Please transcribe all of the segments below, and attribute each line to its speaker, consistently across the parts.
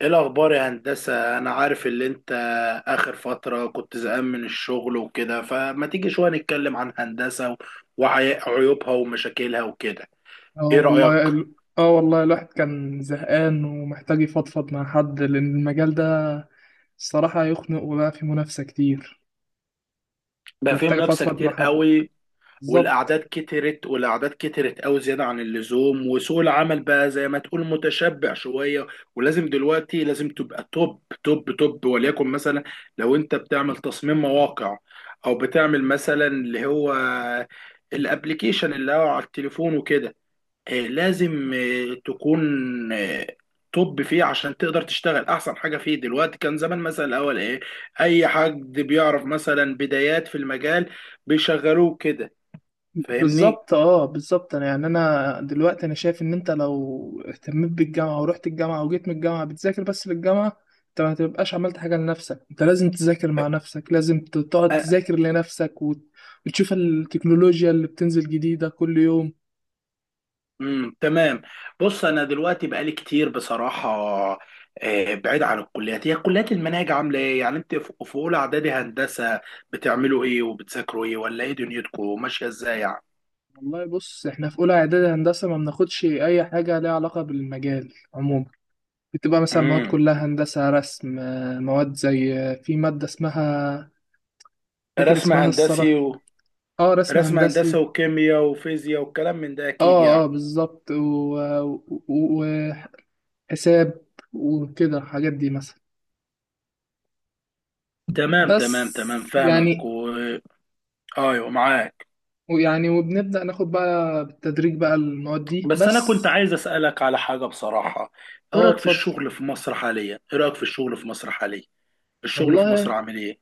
Speaker 1: ايه الاخبار يا هندسه؟ انا عارف اللي انت اخر فتره كنت زهقان من الشغل وكده، فما تيجي شويه نتكلم عن هندسه وعيوبها ومشاكلها وكده؟
Speaker 2: اه
Speaker 1: ايه رايك؟
Speaker 2: والله ال- اه والله الواحد كان زهقان ومحتاج يفضفض مع حد، لأن المجال ده الصراحة يخنق وبقى فيه منافسة كتير. كنت
Speaker 1: بقى فيهم
Speaker 2: محتاج
Speaker 1: منافسه
Speaker 2: أفضفض مع
Speaker 1: كتير
Speaker 2: حد.
Speaker 1: قوي،
Speaker 2: بالظبط.
Speaker 1: والاعداد كترت، والاعداد كترت قوي زياده عن اللزوم، وسوق العمل بقى زي ما تقول متشبع شويه. ولازم دلوقتي لازم تبقى توب توب توب. وليكن مثلا لو انت بتعمل تصميم مواقع او بتعمل مثلا اللي هو الابليكيشن اللي هو على التليفون وكده، لازم تكون آه، توب فيه عشان تقدر تشتغل احسن حاجه فيه. دلوقتي كان زمان مثلا الاول ايه، اي حد بيعرف مثلا بدايات في المجال بيشغلوه كده، فاهمني؟
Speaker 2: بالظبط، أنا دلوقتي أنا شايف إن أنت لو اهتميت بالجامعة ورحت الجامعة وجيت من الجامعة بتذاكر بس للجامعة، أنت ما تبقاش عملت حاجة لنفسك. أنت لازم تذاكر مع نفسك، لازم تقعد
Speaker 1: أه.
Speaker 2: تذاكر لنفسك، وتشوف التكنولوجيا اللي بتنزل جديدة كل يوم.
Speaker 1: امم، تمام. بص انا دلوقتي بقالي كتير بصراحه بعيد عن الكليات. هي كليات المناهج عامله ايه يعني؟ انت في اولى اعدادي هندسه، بتعملوا ايه وبتذاكروا ايه، ولا ايه دنيتكم ماشيه ازاي يعني؟
Speaker 2: والله بص، احنا في اولى اعدادي هندسه ما بناخدش اي حاجه ليها علاقه بالمجال عموما. بتبقى مثلا مواد
Speaker 1: امم.
Speaker 2: كلها هندسه رسم، مواد زي، في ماده اسمها، فاكر
Speaker 1: رسم
Speaker 2: اسمها
Speaker 1: هندسي
Speaker 2: الصراحه اه، رسم
Speaker 1: رسم
Speaker 2: هندسي.
Speaker 1: هندسي وكيمياء وفيزياء والكلام من ده اكيد
Speaker 2: اه
Speaker 1: يعني.
Speaker 2: اه بالظبط، و- وحساب وكده، الحاجات دي مثلا.
Speaker 1: تمام تمام
Speaker 2: بس
Speaker 1: تمام، فاهمك
Speaker 2: يعني
Speaker 1: ايوه معاك.
Speaker 2: ويعني وبنبدا ناخد بقى بالتدريج بقى المواد دي
Speaker 1: بس انا
Speaker 2: بس.
Speaker 1: كنت عايز اسالك على حاجه بصراحه. ايه
Speaker 2: اه،
Speaker 1: رايك في
Speaker 2: اتفضل.
Speaker 1: الشغل في مصر حاليا؟ ايه رايك في الشغل في مصر حاليا؟ الشغل في مصر
Speaker 2: والله
Speaker 1: عامل ايه؟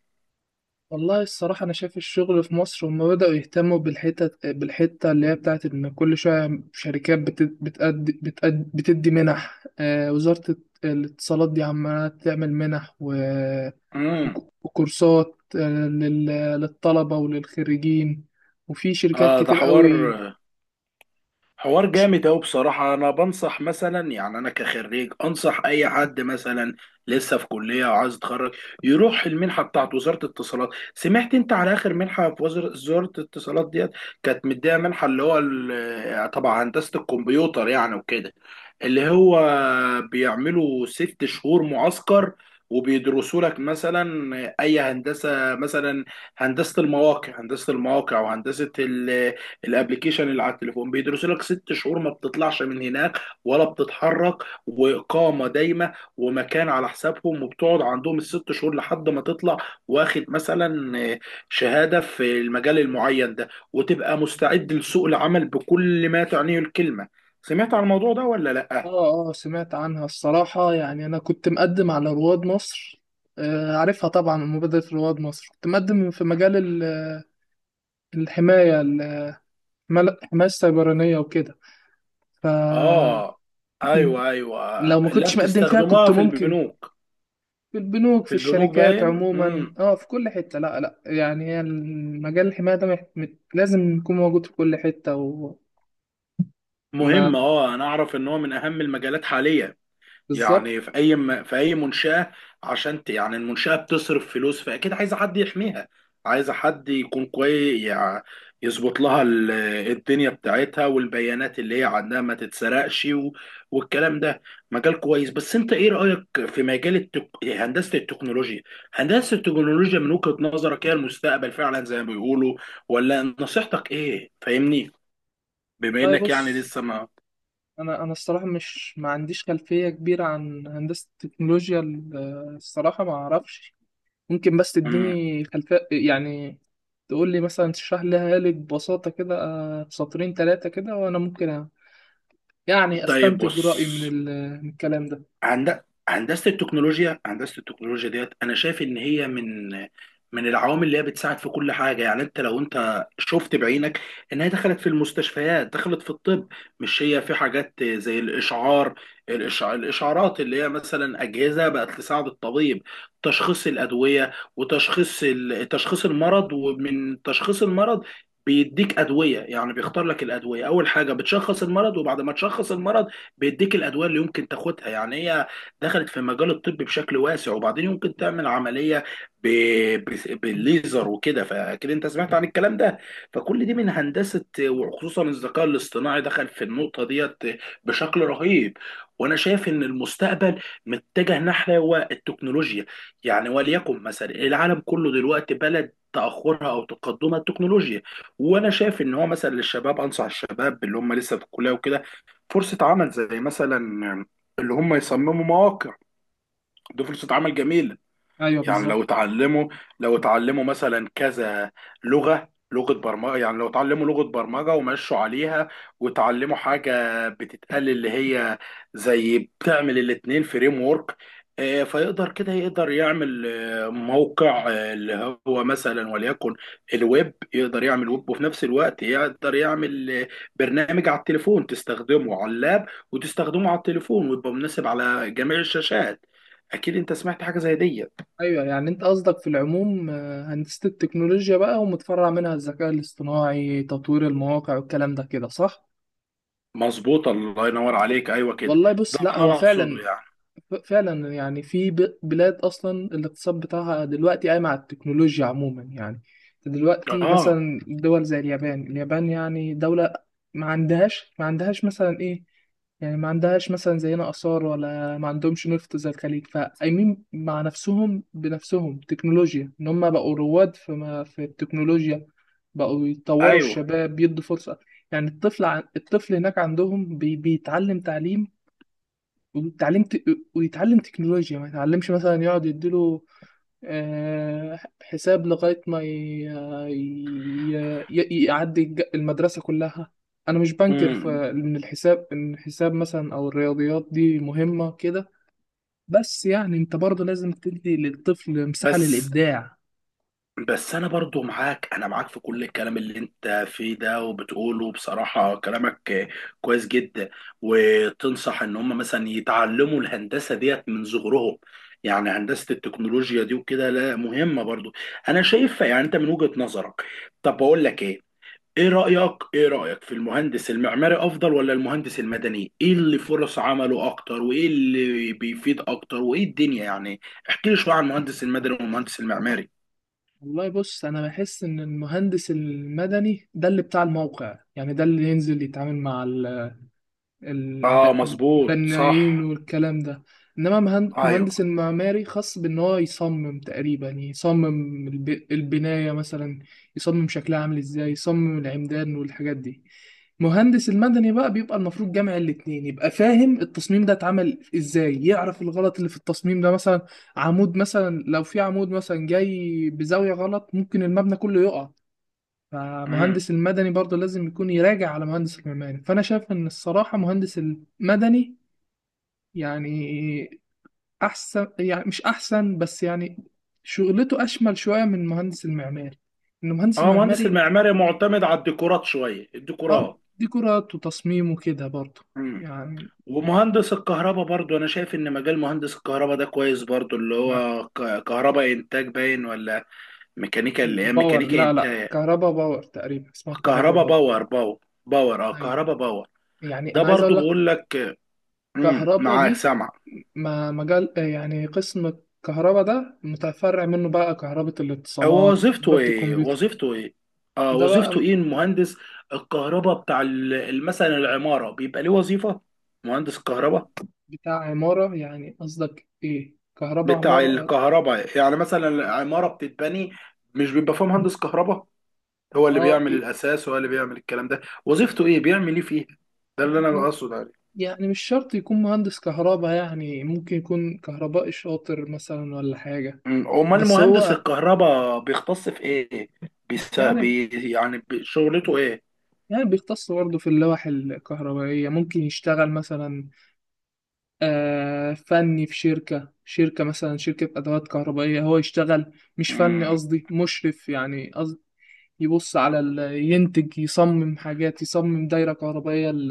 Speaker 2: والله الصراحة أنا شايف الشغل في مصر هما بدأوا يهتموا بالحتة، بالحتة اللي هي بتاعت إن كل شوية شركات بتأدي بتدي منح. وزارة الاتصالات دي عمالة تعمل منح
Speaker 1: امم.
Speaker 2: وكورسات للطلبة وللخريجين، وفي شركات
Speaker 1: اه ده
Speaker 2: كتير
Speaker 1: حوار،
Speaker 2: قوي.
Speaker 1: حوار
Speaker 2: ش-
Speaker 1: جامد أوي بصراحة. أنا بنصح مثلا، يعني أنا كخريج أنصح أي حد مثلا لسه في كلية وعايز يتخرج يروح المنحة بتاعت وزارة الاتصالات. سمعت أنت على آخر منحة في وزارة الاتصالات ديت؟ كانت مديها منحة اللي هو طبعا هندسة الكمبيوتر يعني وكده، اللي هو بيعملوا ست شهور معسكر وبيدرسوا لك مثلا اي هندسه مثلا، هندسه المواقع وهندسه الابليكيشن اللي على التليفون. بيدرس لك ست شهور ما بتطلعش من هناك ولا بتتحرك، واقامه دايمه ومكان على حسابهم، وبتقعد عندهم الست شهور لحد ما تطلع واخد مثلا شهاده في المجال المعين ده، وتبقى مستعد لسوق العمل بكل ما تعنيه الكلمه. سمعت عن الموضوع ده ولا لا؟
Speaker 2: آه، آه سمعت عنها الصراحة. يعني أنا كنت مقدم على رواد مصر، آه، عارفها طبعا. مبادرة رواد مصر كنت مقدم في مجال ال- الحماية، حماية سيبرانية وكده. ف
Speaker 1: اه. ايوه،
Speaker 2: لو ما
Speaker 1: لا
Speaker 2: كنتش مقدم فيها كنت
Speaker 1: بتستخدموها في
Speaker 2: ممكن.
Speaker 1: البنوك،
Speaker 2: في البنوك في
Speaker 1: في البنوك
Speaker 2: الشركات
Speaker 1: باين. امم،
Speaker 2: عموما، اه، في كل حتة، لا لا، يعني هي المجال الحماية ده لازم يكون موجود في كل حتة. وما
Speaker 1: مهم. اه انا اعرف ان هو من اهم المجالات حاليا.
Speaker 2: بالظبط.
Speaker 1: يعني في اي في اي منشأة، يعني المنشأة بتصرف فلوس، فاكيد عايزة حد يحميها، عايزة حد يكون كويس يعني، يظبط لها الدنيا بتاعتها، والبيانات اللي هي عندها ما تتسرقش والكلام ده. مجال كويس. بس انت ايه رأيك في مجال هندسة التكنولوجيا؟ هندسة التكنولوجيا من وجهة نظرك هي المستقبل فعلا زي ما بيقولوا، ولا نصيحتك ايه؟ فاهمني، بما
Speaker 2: والله
Speaker 1: انك يعني
Speaker 2: بص،
Speaker 1: لسه ما...
Speaker 2: انا الصراحة مش ما عنديش خلفية كبيرة عن هندسة التكنولوجيا. الصراحة ما اعرفش. ممكن بس
Speaker 1: مم.
Speaker 2: تديني خلفية يعني، تقول لي مثلا، تشرح لها لي ببساطة كده، سطرين ثلاثة كده، وأنا ممكن يعني
Speaker 1: طيب
Speaker 2: استنتج
Speaker 1: بص،
Speaker 2: رأيي من الكلام ده.
Speaker 1: هند... هندسه التكنولوجيا، هندسه التكنولوجيا ديت انا شايف ان هي من من العوامل اللي هي بتساعد في كل حاجه. يعني لو انت شفت بعينك ان هي دخلت في المستشفيات، دخلت في الطب. مش هي في حاجات زي الاشعار، الاشعارات اللي هي مثلا اجهزه بقت تساعد الطبيب تشخيص الادويه وتشخيص تشخيص المرض، ومن تشخيص المرض بيديك ادويه. يعني بيختار لك الادويه، اول حاجه بتشخص المرض، وبعد ما تشخص المرض بيديك الادويه اللي يمكن تاخدها. يعني هي دخلت في مجال الطب بشكل واسع. وبعدين يمكن تعمل عمليه ب... بالليزر وكده، فاكيد انت سمعت عن الكلام ده. فكل دي من هندسه، وخصوصا الذكاء الاصطناعي دخل في النقطه ديت بشكل رهيب. وانا شايف ان المستقبل متجه نحو التكنولوجيا. يعني وليكن مثلا العالم كله دلوقتي بلد تاخرها او تقدمها التكنولوجيا. وانا شايف ان هو مثلا للشباب، انصح الشباب اللي هم لسه في الكليه وكده، فرصة عمل زي مثلا اللي هم يصمموا مواقع، دي فرصة عمل جميلة.
Speaker 2: ايوه
Speaker 1: يعني لو
Speaker 2: بالظبط.
Speaker 1: اتعلموا، لو اتعلموا مثلا كذا لغة برمجة، يعني لو اتعلموا لغة برمجة ومشوا عليها، وتعلموا حاجة بتتقال اللي هي زي بتعمل الاتنين فريم ورك، فيقدر كده يقدر يعمل موقع، اللي هو مثلا وليكن الويب، يقدر يعمل ويب، وفي نفس الوقت يقدر يعمل برنامج على التليفون تستخدمه على اللاب وتستخدمه على التليفون، ويبقى مناسب على جميع الشاشات. اكيد انت سمعت حاجة زي دي.
Speaker 2: ايوه، يعني انت قصدك في العموم، آه، هندسة التكنولوجيا بقى ومتفرع منها الذكاء الاصطناعي تطوير المواقع والكلام ده، كده صح؟
Speaker 1: مظبوطة، الله ينور عليك، أيوة كده.
Speaker 2: والله بص،
Speaker 1: ده
Speaker 2: لا
Speaker 1: اللي
Speaker 2: هو
Speaker 1: أنا أقصده
Speaker 2: فعلا،
Speaker 1: يعني.
Speaker 2: فعلا يعني في بلاد اصلا الاقتصاد بتاعها دلوقتي قايم على التكنولوجيا عموما يعني. دلوقتي
Speaker 1: آه.
Speaker 2: مثلا دول زي اليابان، يعني دولة ما عندهاش مثلا ايه، يعني ما عندهاش مثلا زينا آثار، ولا ما عندهمش نفط زي الخليج، فقايمين مع نفسهم بنفسهم تكنولوجيا، إن هم بقوا رواد في ما في التكنولوجيا. بقوا يطوروا
Speaker 1: أيوة.
Speaker 2: الشباب، بيدوا فرصة. يعني الطفل هناك عندهم بيتعلم تعليم، ويتعلم ت... ويتعلم تكنولوجيا، ما يتعلمش مثلا يقعد يديله، آه، حساب لغاية ما ي... يعدي المدرسة كلها. أنا مش بنكر
Speaker 1: مم.
Speaker 2: إن الحساب، إن الحساب مثلا أو الرياضيات دي مهمة كده، بس يعني أنت برضه لازم تدي للطفل مساحة
Speaker 1: بس،
Speaker 2: للإبداع.
Speaker 1: بس أنا برضو معاك، أنا معاك في كل الكلام اللي أنت فيه ده وبتقوله. بصراحة كلامك كويس جدا. وتنصح إن هم مثلا يتعلموا الهندسة ديت من صغرهم، يعني هندسة التكنولوجيا دي وكده؟ لا مهمة برضو، أنا شايفها يعني، أنت من وجهة نظرك. طب بقول لك إيه، ايه رأيك، ايه رأيك في المهندس المعماري افضل ولا المهندس المدني؟ ايه اللي فرص عمله اكتر، وايه اللي بيفيد اكتر، وايه الدنيا يعني؟ احكي لي شوية عن المهندس المدني والمهندس المعماري.
Speaker 2: والله بص، أنا بحس إن المهندس المدني ده اللي بتاع الموقع، يعني ده اللي ينزل يتعامل مع
Speaker 1: اه مظبوط
Speaker 2: البنايين
Speaker 1: صح.
Speaker 2: والكلام ده. انما
Speaker 1: ايوه.
Speaker 2: مهندس المعماري خاص بان هو يصمم، تقريبا يصمم البناية مثلا، يصمم شكلها عامل ازاي، يصمم العمدان والحاجات دي. مهندس المدني بقى بيبقى المفروض جامع الاتنين، يبقى فاهم التصميم ده اتعمل ازاي، يعرف الغلط اللي في التصميم ده. مثلا عمود، مثلا لو في عمود مثلا جاي بزاوية غلط، ممكن المبنى كله يقع.
Speaker 1: امم.
Speaker 2: فمهندس المدني برضه لازم يكون يراجع على مهندس المعماري. فانا شايف ان الصراحه مهندس المدني يعني احسن، يعني مش احسن بس، يعني شغلته اشمل شويه من مهندس المعماري. ان مهندس
Speaker 1: اه مهندس
Speaker 2: المعماري،
Speaker 1: المعماري معتمد على الديكورات شوية،
Speaker 2: اه،
Speaker 1: الديكورات.
Speaker 2: ديكورات وتصميم وكده برضه
Speaker 1: امم.
Speaker 2: يعني.
Speaker 1: ومهندس الكهرباء برضو انا شايف ان مجال مهندس الكهرباء ده كويس برضو، اللي
Speaker 2: ما-
Speaker 1: هو كهرباء انتاج باين، ولا ميكانيكا اللي هي
Speaker 2: باور.
Speaker 1: ميكانيكا
Speaker 2: لا لا،
Speaker 1: انتاج؟
Speaker 2: كهربا باور، تقريبا اسمها كهربا
Speaker 1: كهرباء
Speaker 2: باور.
Speaker 1: باور، باور. باور، اه
Speaker 2: ايوه.
Speaker 1: كهرباء باور.
Speaker 2: يعني
Speaker 1: ده
Speaker 2: انا عايز
Speaker 1: برضو
Speaker 2: اقول لك،
Speaker 1: بقول لك. مم،
Speaker 2: كهرباء
Speaker 1: معاك
Speaker 2: دي
Speaker 1: سامع.
Speaker 2: ما مجال، آه، يعني قسم الكهرباء ده متفرع منه بقى كهرباء
Speaker 1: هو
Speaker 2: الاتصالات
Speaker 1: وظيفته
Speaker 2: وكهرباء
Speaker 1: ايه،
Speaker 2: الكمبيوتر.
Speaker 1: وظيفته ايه؟ اه
Speaker 2: ده
Speaker 1: وظيفته
Speaker 2: بقى
Speaker 1: ايه المهندس الكهرباء بتاع مثلا العمارة، بيبقى ليه وظيفة مهندس الكهرباء
Speaker 2: بتاع عمارة، يعني قصدك ايه كهرباء
Speaker 1: بتاع
Speaker 2: عمارة؟
Speaker 1: الكهرباء؟ يعني مثلا العمارة بتتبني مش بيبقى فيها مهندس كهرباء هو اللي
Speaker 2: اه،
Speaker 1: بيعمل
Speaker 2: إيه؟
Speaker 1: الاساس، هو اللي بيعمل الكلام ده؟ وظيفته ايه بيعمل ايه فيها؟ ده اللي انا
Speaker 2: يعني،
Speaker 1: بقصد عليه.
Speaker 2: يعني مش شرط يكون مهندس كهرباء، يعني ممكن يكون كهربائي شاطر مثلا ولا حاجة.
Speaker 1: مم، امال
Speaker 2: بس
Speaker 1: مهندس
Speaker 2: هو
Speaker 1: الكهرباء بيختص في ايه؟
Speaker 2: يعني،
Speaker 1: يعني شغلته ايه؟
Speaker 2: يعني بيختص برضه في اللوح الكهربائية، ممكن يشتغل مثلا، آه، فني في شركة مثلا، شركة أدوات كهربائية، هو يشتغل مش فني، قصدي مشرف، يعني قصد يبص على ينتج، يصمم حاجات، يصمم دايرة كهربائية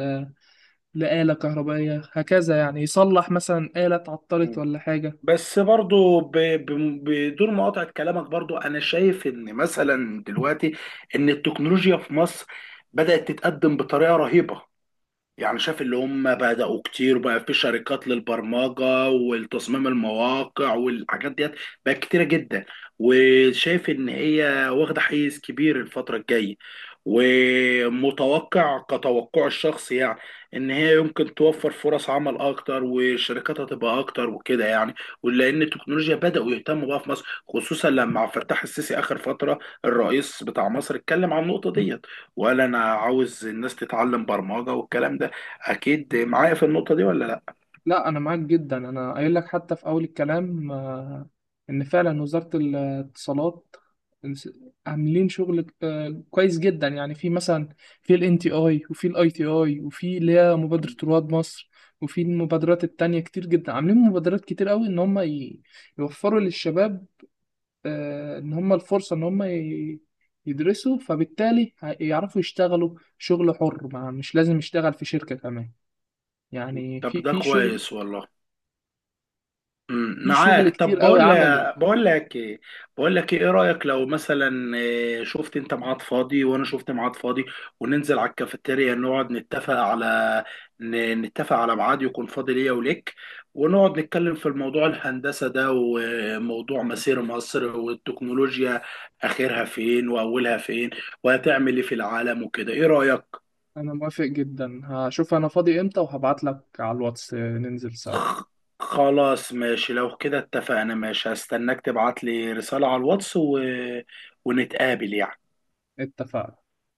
Speaker 2: لآلة كهربائية، هكذا يعني. يصلح مثلا آلة اتعطلت
Speaker 1: مم.
Speaker 2: ولا حاجة.
Speaker 1: بس برضو بدون مقاطعة كلامك، برضو أنا شايف إن مثلا دلوقتي إن التكنولوجيا في مصر بدأت تتقدم بطريقة رهيبة. يعني شاف اللي هم بدأوا كتير، وبقى في شركات للبرمجة والتصميم المواقع والحاجات ديت، بقت كتيرة جدا. وشايف ان هي واخدة حيز كبير الفترة الجاية، ومتوقع كتوقع الشخص يعني ان هي يمكن توفر فرص عمل اكتر، والشركات هتبقى اكتر وكده يعني. ولان التكنولوجيا بدأوا يهتموا بقى في مصر، خصوصا لما عبد الفتاح السيسي اخر فترة الرئيس بتاع مصر اتكلم عن النقطة ديت، وقال انا عاوز الناس تتعلم برمجة والكلام ده. اكيد معايا في النقطه دي ولا لا؟
Speaker 2: لا انا معاك جدا، انا قايل لك حتى في اول الكلام، آه، ان فعلا وزارة الاتصالات عاملين شغل، آه، كويس جدا. يعني في مثلا في الان تي اي، وفي الاي تي اي، وفي اللي هي مبادرة رواد مصر، وفي المبادرات التانية كتير جدا. عاملين مبادرات كتير قوي ان هم يوفروا للشباب، آه، ان هم الفرصة ان هم يدرسوا، فبالتالي يعرفوا يشتغلوا شغل حر، ما مش لازم يشتغل في شركة كمان. يعني
Speaker 1: طب
Speaker 2: في
Speaker 1: ده
Speaker 2: في شغل.
Speaker 1: كويس والله. امم،
Speaker 2: في شغل
Speaker 1: معاك. طب
Speaker 2: كتير قوي
Speaker 1: بقول لك
Speaker 2: عملي.
Speaker 1: بقول لك ايه بقول لك ايه إيه رايك لو مثلا، شفت انت ميعاد فاضي وانا شفت ميعاد فاضي، وننزل على الكافيتيريا نقعد نتفق على، نتفق على ميعاد يكون فاضي ليا وليك، ونقعد نتكلم في الموضوع الهندسه ده، وموضوع مسير مصر والتكنولوجيا، اخرها فين واولها فين، وهتعمل ايه في العالم وكده؟ ايه رايك؟
Speaker 2: انا موافق جدا، هشوف انا فاضي امتى وهبعت لك على الواتس ننزل سوا.
Speaker 1: خ- خلاص ماشي، لو كده اتفقنا ماشي، هستناك تبعت لي رسالة على الواتس ونتقابل يعني.
Speaker 2: اتفقنا.